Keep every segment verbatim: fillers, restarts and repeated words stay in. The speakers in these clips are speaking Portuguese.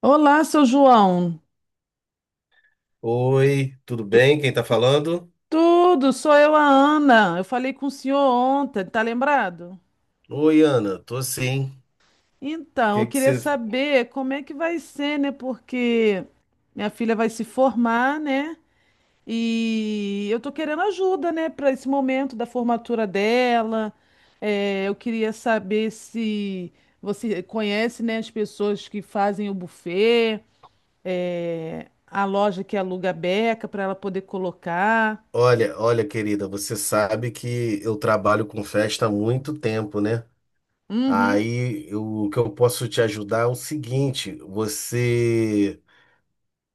Olá, seu João. Oi, tudo Tu- bem? Quem tá falando? tudo, sou eu, a Ana. Eu falei com o senhor ontem, tá lembrado? Oi, Ana, tô sim. Então, eu Que que queria você... saber como é que vai ser, né? Porque minha filha vai se formar, né? E eu tô querendo ajuda, né, para esse momento da formatura dela. É, eu queria saber se você conhece, né, as pessoas que fazem o buffet, é, a loja que aluga a beca para ela poder colocar. Olha, olha, querida, você sabe que eu trabalho com festa há muito tempo, né? Uhum. Aí eu- o que eu posso te ajudar é o seguinte: você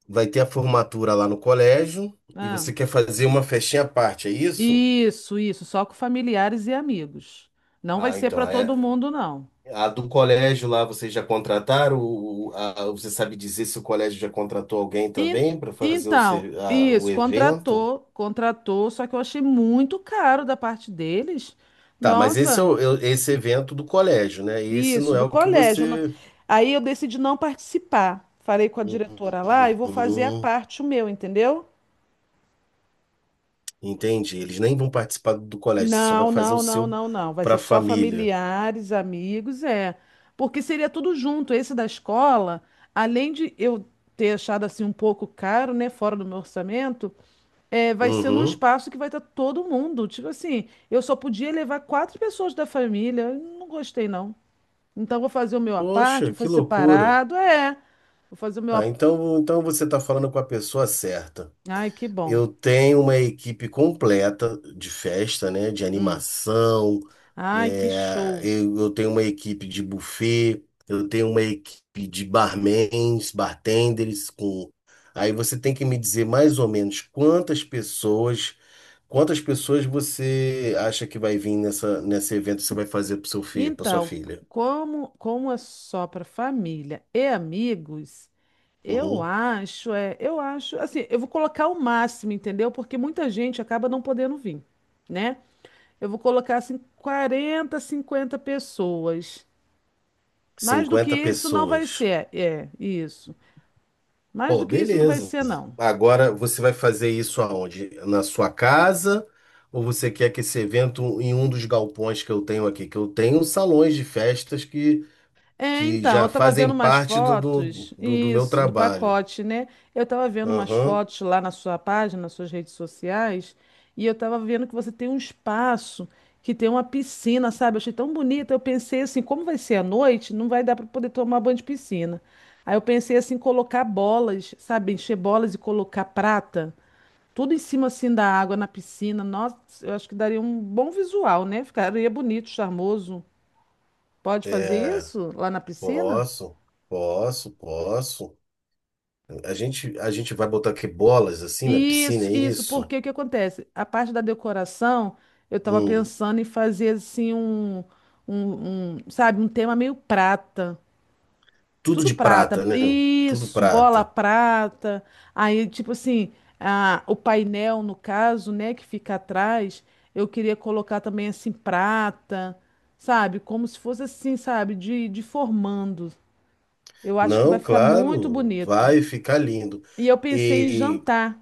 vai ter a formatura lá no colégio e Ah, você quer fazer uma festinha à parte, é isso? isso, isso, só com familiares e amigos. Não vai Ah, ser então, para é... todo mundo, não. A do colégio lá, vocês já contrataram? O- o- a- você sabe dizer se o colégio já contratou alguém En- também para fazer o, então, ser- a- o isso, evento? contratou, contratou, só que eu achei muito caro da parte deles. Tá, mas esse é Nossa, o- eu- esse evento do colégio, né? E esse isso, não é do o que colégio. Eu não- você. Aí eu decidi não participar. Falei com a diretora lá e vou fazer a Uhum, parte o meu, entendeu? entendi. Eles nem vão participar do colégio, você só vai Não, fazer o não, não, seu não, não. Vai para ser a só família. familiares, amigos, é. Porque seria tudo junto. Esse da escola, além de eu ter achado assim um pouco caro, né, fora do meu orçamento, é, vai ser num Uhum. espaço que vai estar todo mundo. Tipo assim, eu só podia levar quatro pessoas da família. Eu não gostei, não. Então vou fazer o meu à parte, Poxa, vou que fazer loucura. separado, é. Vou fazer o meu. Ah, À- então, então você está falando com a pessoa certa. Ai, que bom. Eu tenho uma equipe completa de festa, né? De Hum. animação. Ai, que É, show. eu, eu tenho uma equipe de buffet. Eu tenho uma equipe de barmans, bartenders. Com... Aí você tem que me dizer mais ou menos quantas pessoas, quantas pessoas você acha que vai vir nessa, nesse evento que você vai fazer para seu filho, para sua Então, filha? como, como é só para família e amigos, eu Uhum. acho, é, eu acho, assim, eu vou colocar o máximo, entendeu? Porque muita gente acaba não podendo vir, né? Eu vou colocar assim quarenta, cinquenta pessoas. Mais do que cinquenta isso não vai pessoas. ser, é, isso. Mais Bom, do que isso não vai beleza. ser, não. Agora você vai fazer isso aonde? Na sua casa? Ou você quer que esse evento em um dos galpões que eu tenho aqui? Que eu tenho salões de festas que, É, que então, já eu tava vendo fazem umas parte do, do, fotos, do, do meu isso, do trabalho. pacote, né? Eu tava vendo umas Aham. fotos lá na sua página, nas suas redes sociais, e eu tava vendo que você tem um espaço que tem uma piscina, sabe? Eu achei tão bonita. Eu pensei assim, como vai ser à noite, não vai dar para poder tomar banho de piscina. Aí eu pensei assim, colocar bolas, sabe? Encher bolas e colocar prata, tudo em cima assim da água na piscina. Nossa, eu acho que daria um bom visual, né? Ficaria bonito, charmoso. Pode fazer É, isso lá na piscina? posso, posso, posso. A gente, a gente vai botar aqui bolas assim na piscina, Isso, é isso, isso? porque o que acontece? A parte da decoração, eu estava Hum. pensando em fazer assim um, um, um, sabe, um tema meio prata. Tudo Tudo de prata. prata, né? Tudo Isso, bola prata. prata. Aí, tipo assim, a, o painel, no caso, né, que fica atrás, eu queria colocar também assim prata, sabe? Como se fosse assim, sabe, de, de formando. Eu acho que vai Não, ficar muito claro, bonito. vai ficar lindo. E eu pensei em E jantar.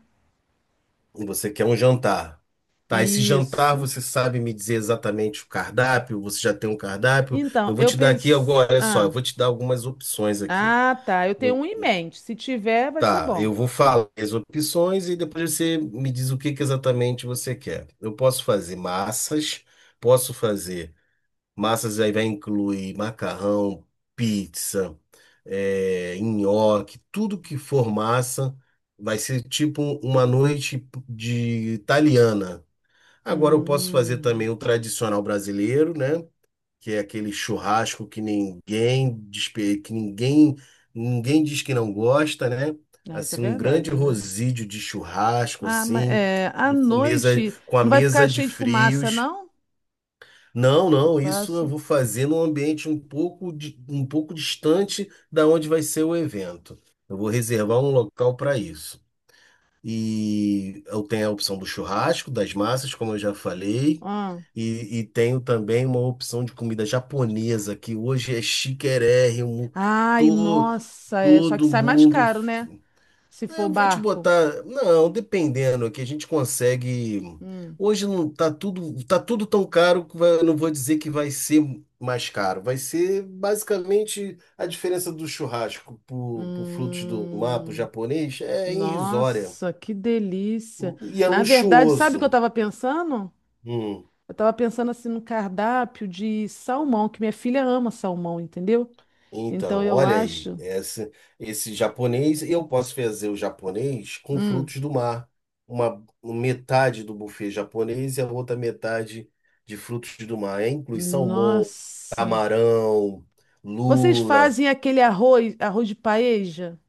você quer um jantar. Tá, esse jantar Isso. você sabe me dizer exatamente o cardápio? Você já tem um cardápio? Então, Eu vou eu te dar aqui pensei. agora, olha só, eu Ah, vou te dar algumas opções aqui. ah, tá. Eu tenho Eu- um em mente. Se tiver, vai ser tá, bom. eu vou falar as opções e depois você me diz o que que exatamente você quer. Eu posso fazer massas, posso fazer massas aí vai incluir macarrão, pizza, é, nhoque, tudo que for massa vai ser tipo uma noite de italiana. Agora eu posso fazer também Hum. o tradicional brasileiro, né? Que é aquele churrasco que ninguém, despe- que ninguém, ninguém diz que não gosta, né? Ah, isso é Assim, um grande verdade, né? rosídio de churrasco, Ah, mas assim, é, à com mesa, noite com a não vai ficar mesa de cheio de fumaça, frios. não? Não, não, isso eu Espaço. vou fazer num ambiente um pouco, di- um pouco distante da onde vai ser o evento. Eu vou reservar um local para isso. E eu tenho a opção do churrasco, das massas, como eu já falei. Ah. E, e tenho também uma opção de comida japonesa, que hoje é chiquérrimo. Ai, Todo, nossa, é. Só que todo sai mais mundo. caro, né? Se Ah, for eu vou te barco. botar. Não, dependendo, é que a gente consegue. Hum. Hoje não tá tudo, tá tudo tão caro que vai- eu não vou dizer que vai ser mais caro. Vai ser basicamente a diferença do churrasco pro, pro frutos do mar, pro Hum. japonês, é irrisória. Nossa, que delícia. E é Na verdade, sabe o luxuoso. que eu estava pensando? Hum. Eu tava pensando assim no cardápio de salmão, que minha filha ama salmão, entendeu? Então Então, eu olha aí, acho. esse, esse japonês, eu posso fazer o japonês com Hum, frutos do mar. Uma um, metade do buffet japonês e a outra metade de frutos do mar. É, inclui salmão, nossa. camarão, Vocês lula, fazem aquele arroz, arroz de paeja?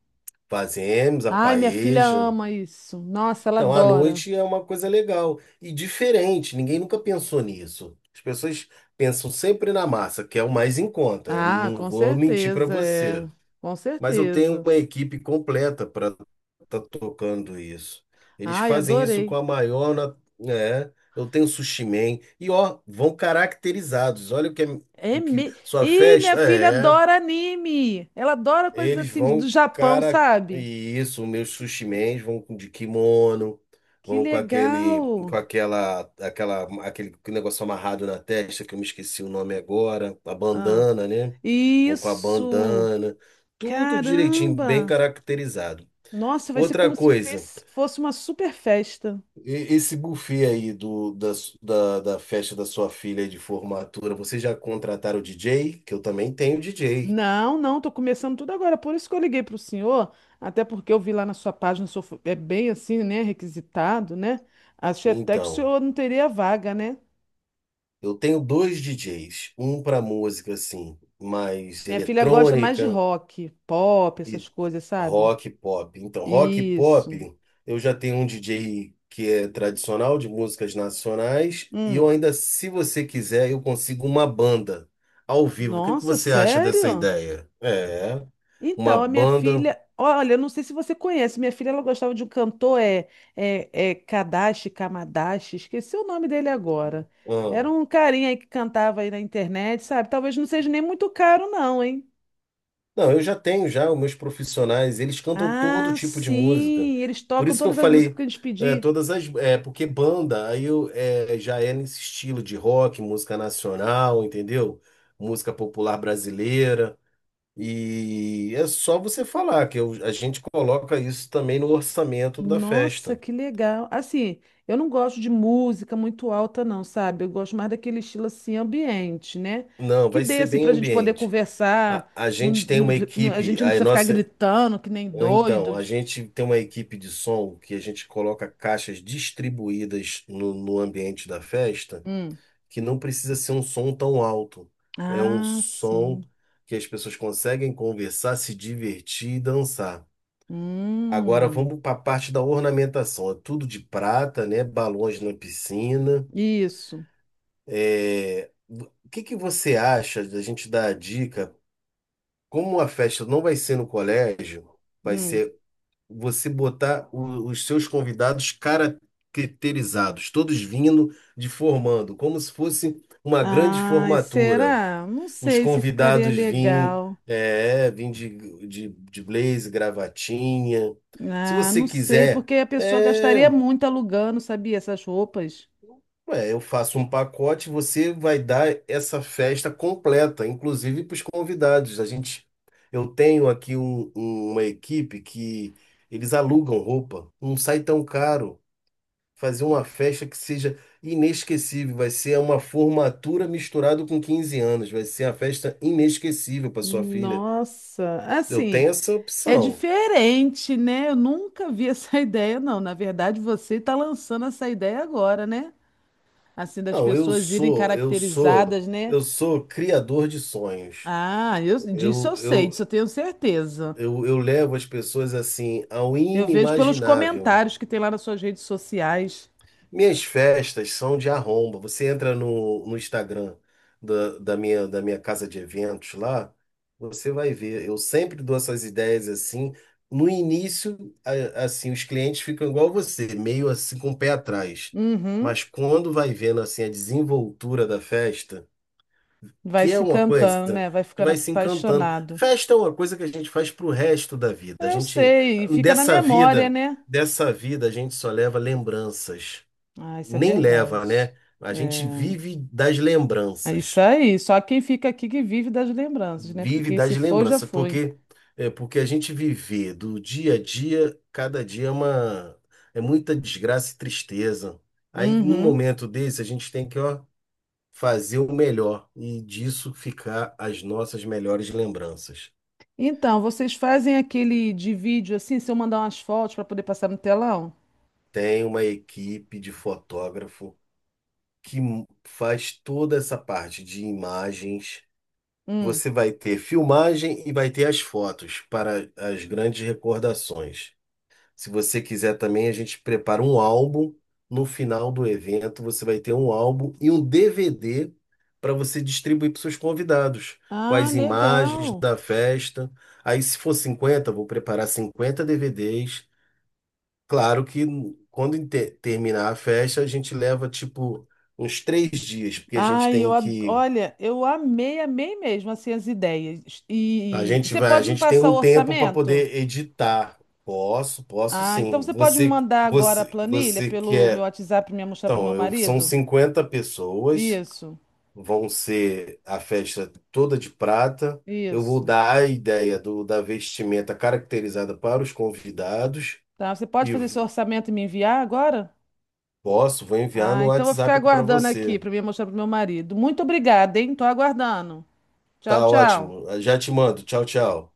fazemos a Ai, minha filha paeja. ama isso. Nossa, ela Então, à adora. noite é uma coisa legal e diferente, ninguém nunca pensou nisso. As pessoas pensam sempre na massa, que é o mais em conta. Eu Ah, não com vou mentir para certeza, você. é. Com Mas eu tenho certeza. uma equipe completa para estar tocando isso. Eles Ai, fazem isso com adorei. a maior, na- é, eu tenho sushi man e ó, vão caracterizados. Olha o que é, É o que me... sua Ih, minha festa filha é. adora anime. Ela adora coisas Eles assim do vão, Japão, cara, sabe? e isso, meus sushi men vão com de kimono, Que vão com aquele, com legal. aquela, aquela, aquele negócio amarrado na testa, que eu me esqueci o nome agora, a Ah, bandana, né? Vão com a isso. bandana, tudo direitinho, bem Caramba! caracterizado. Nossa, vai ser Outra como se coisa, fez- fosse uma super festa. e- esse buffet aí do, da, su- da, da festa da sua filha aí de formatura, vocês já contrataram o D J? Que eu também tenho D J. Não, não, tô começando tudo agora. Por isso que eu liguei pro senhor, até porque eu vi lá na sua página, o senhor fo- é bem assim, né? Requisitado, né? Achei até que o Então. senhor não teria vaga, né? Eu tenho dois D Js, um para música assim, mais Minha filha gosta mais de eletrônica rock, pop, e essas coisas, sabe? rock e pop. Então, rock e Isso. pop, eu já tenho um D J que é tradicional de músicas nacionais e eu Hum. ainda, se você quiser, eu consigo uma banda ao vivo. O que que Nossa, você acha dessa sério? ideia? É, uma Então, a minha banda. filha, olha, eu não sei se você conhece, minha filha ela gostava de um cantor, é, é, é Kadashi, Kamadashi, esqueci o nome dele agora. Era um carinha aí que cantava aí na internet, sabe? Talvez não seja nem muito caro, não, hein? Não, eu já tenho já os meus profissionais, eles cantam todo Ah, tipo de música. sim, eles Por tocam isso que eu todas as músicas falei, que a gente é, pedir. todas as, é, porque banda, aí eu, é, já é nesse estilo de rock, música nacional, entendeu? Música popular brasileira. E é só você falar que eu- a gente coloca isso também no orçamento da Nossa, festa. que legal. Assim, eu não gosto de música muito alta, não, sabe? Eu gosto mais daquele estilo assim, ambiente, né? Não, Que vai dê ser assim bem pra gente poder ambiente. A, conversar. a não- gente tem não- uma não- a equipe, gente não a precisa ficar nossa. gritando que nem Então, a doidos. gente tem uma equipe de som que a gente coloca caixas distribuídas no, no ambiente da festa, Hum. que não precisa ser um som tão alto. É um Ah, som sim. que as pessoas conseguem conversar, se divertir e dançar. Agora Hum. vamos para a parte da ornamentação. É tudo de prata, né? Balões na piscina. Isso. É, o que que você acha da gente dar a dica? Como a festa não vai ser no colégio, vai Hum. ser você botar o- os seus convidados caracterizados, todos vindo de formando, como se fosse uma grande Ai, formatura. será? Não Os sei se ficaria convidados vêm, legal. é, vêm de, de, de blazer, gravatinha. Se Ah, você não sei, quiser, porque a pessoa é. gastaria muito alugando, sabia? Essas roupas. Ué, eu faço um pacote, você vai dar essa festa completa, inclusive para os convidados. A gente, eu tenho aqui um- um- uma equipe que eles alugam roupa, não sai tão caro. Fazer uma festa que seja inesquecível, vai ser uma formatura misturado com quinze anos, vai ser uma festa inesquecível para sua filha. Nossa, Eu assim, tenho essa é opção. diferente, né? Eu nunca vi essa ideia, não. Na verdade, você está lançando essa ideia agora, né? Assim, das Não, eu pessoas irem sou, eu sou, caracterizadas, né? eu sou criador de sonhos. Ah, eu, disso Eu, eu sei, disso eu eu, tenho certeza. Eu, eu levo as pessoas assim ao Eu vejo pelos inimaginável. comentários que tem lá nas suas redes sociais. Minhas festas são de arromba. Você entra no, no Instagram da, da minha, da minha casa de eventos lá, você vai ver. Eu sempre dou essas ideias assim. No início, a- assim, os clientes ficam igual você, meio assim com o pé atrás. Uhum. Mas quando vai vendo assim a desenvoltura da festa, Vai que é se uma coisa, encantando, né? Vai que ficando vai se encantando. apaixonado. Festa é uma coisa que a gente faz pro resto da vida. A Eu gente, sei, e fica na dessa memória, vida, né? dessa vida, a gente só leva lembranças. Ah, isso é Nem leva, verdade. né? A gente É. vive das É isso lembranças. aí. Só quem fica aqui que vive das lembranças, né? Porque Vive quem se das foi, já lembranças, foi. porque é porque a gente viver do dia a dia, cada dia é uma é muita desgraça e tristeza. Aí, num Uhum. momento desse, a gente tem que, ó, fazer o melhor e disso ficar as nossas melhores lembranças. Então, vocês fazem aquele de vídeo assim, se eu mandar umas fotos para poder passar no telão? Tem uma equipe de fotógrafo que m- faz toda essa parte de imagens. Hum. Você vai ter filmagem e vai ter as fotos para as grandes recordações. Se você quiser também, a gente prepara um álbum. No final do evento, você vai ter um álbum e um D V D para você distribuir para os seus convidados, com Ah, as imagens legal. da festa. Aí, se for cinquenta vou preparar cinquenta D V Ds. Claro que quando inte- terminar a festa, a gente leva tipo uns três dias, porque a gente Ai, eu, tem ad- que. olha, eu amei, amei mesmo assim as ideias. A E e gente você vai, a pode me gente tem passar o um tempo para orçamento? poder editar. Posso, posso Ah, então sim. você pode me Você, mandar agora a você, planilha você pelo meu quer. WhatsApp e me mostrar para meu Então, eu, são marido? cinquenta pessoas, Isso, vão ser a festa toda de prata. Eu vou isso. dar a ideia do, da vestimenta caracterizada para os convidados Tá, você pode e fazer seu v- orçamento e me enviar agora? posso, vou enviar Ah, no então vou ficar WhatsApp para aguardando aqui você. para mim mostrar pro meu marido. Muito obrigada, hein? Tô aguardando. Tchau, Tá tchau. ótimo. Já te mando. Tchau, tchau.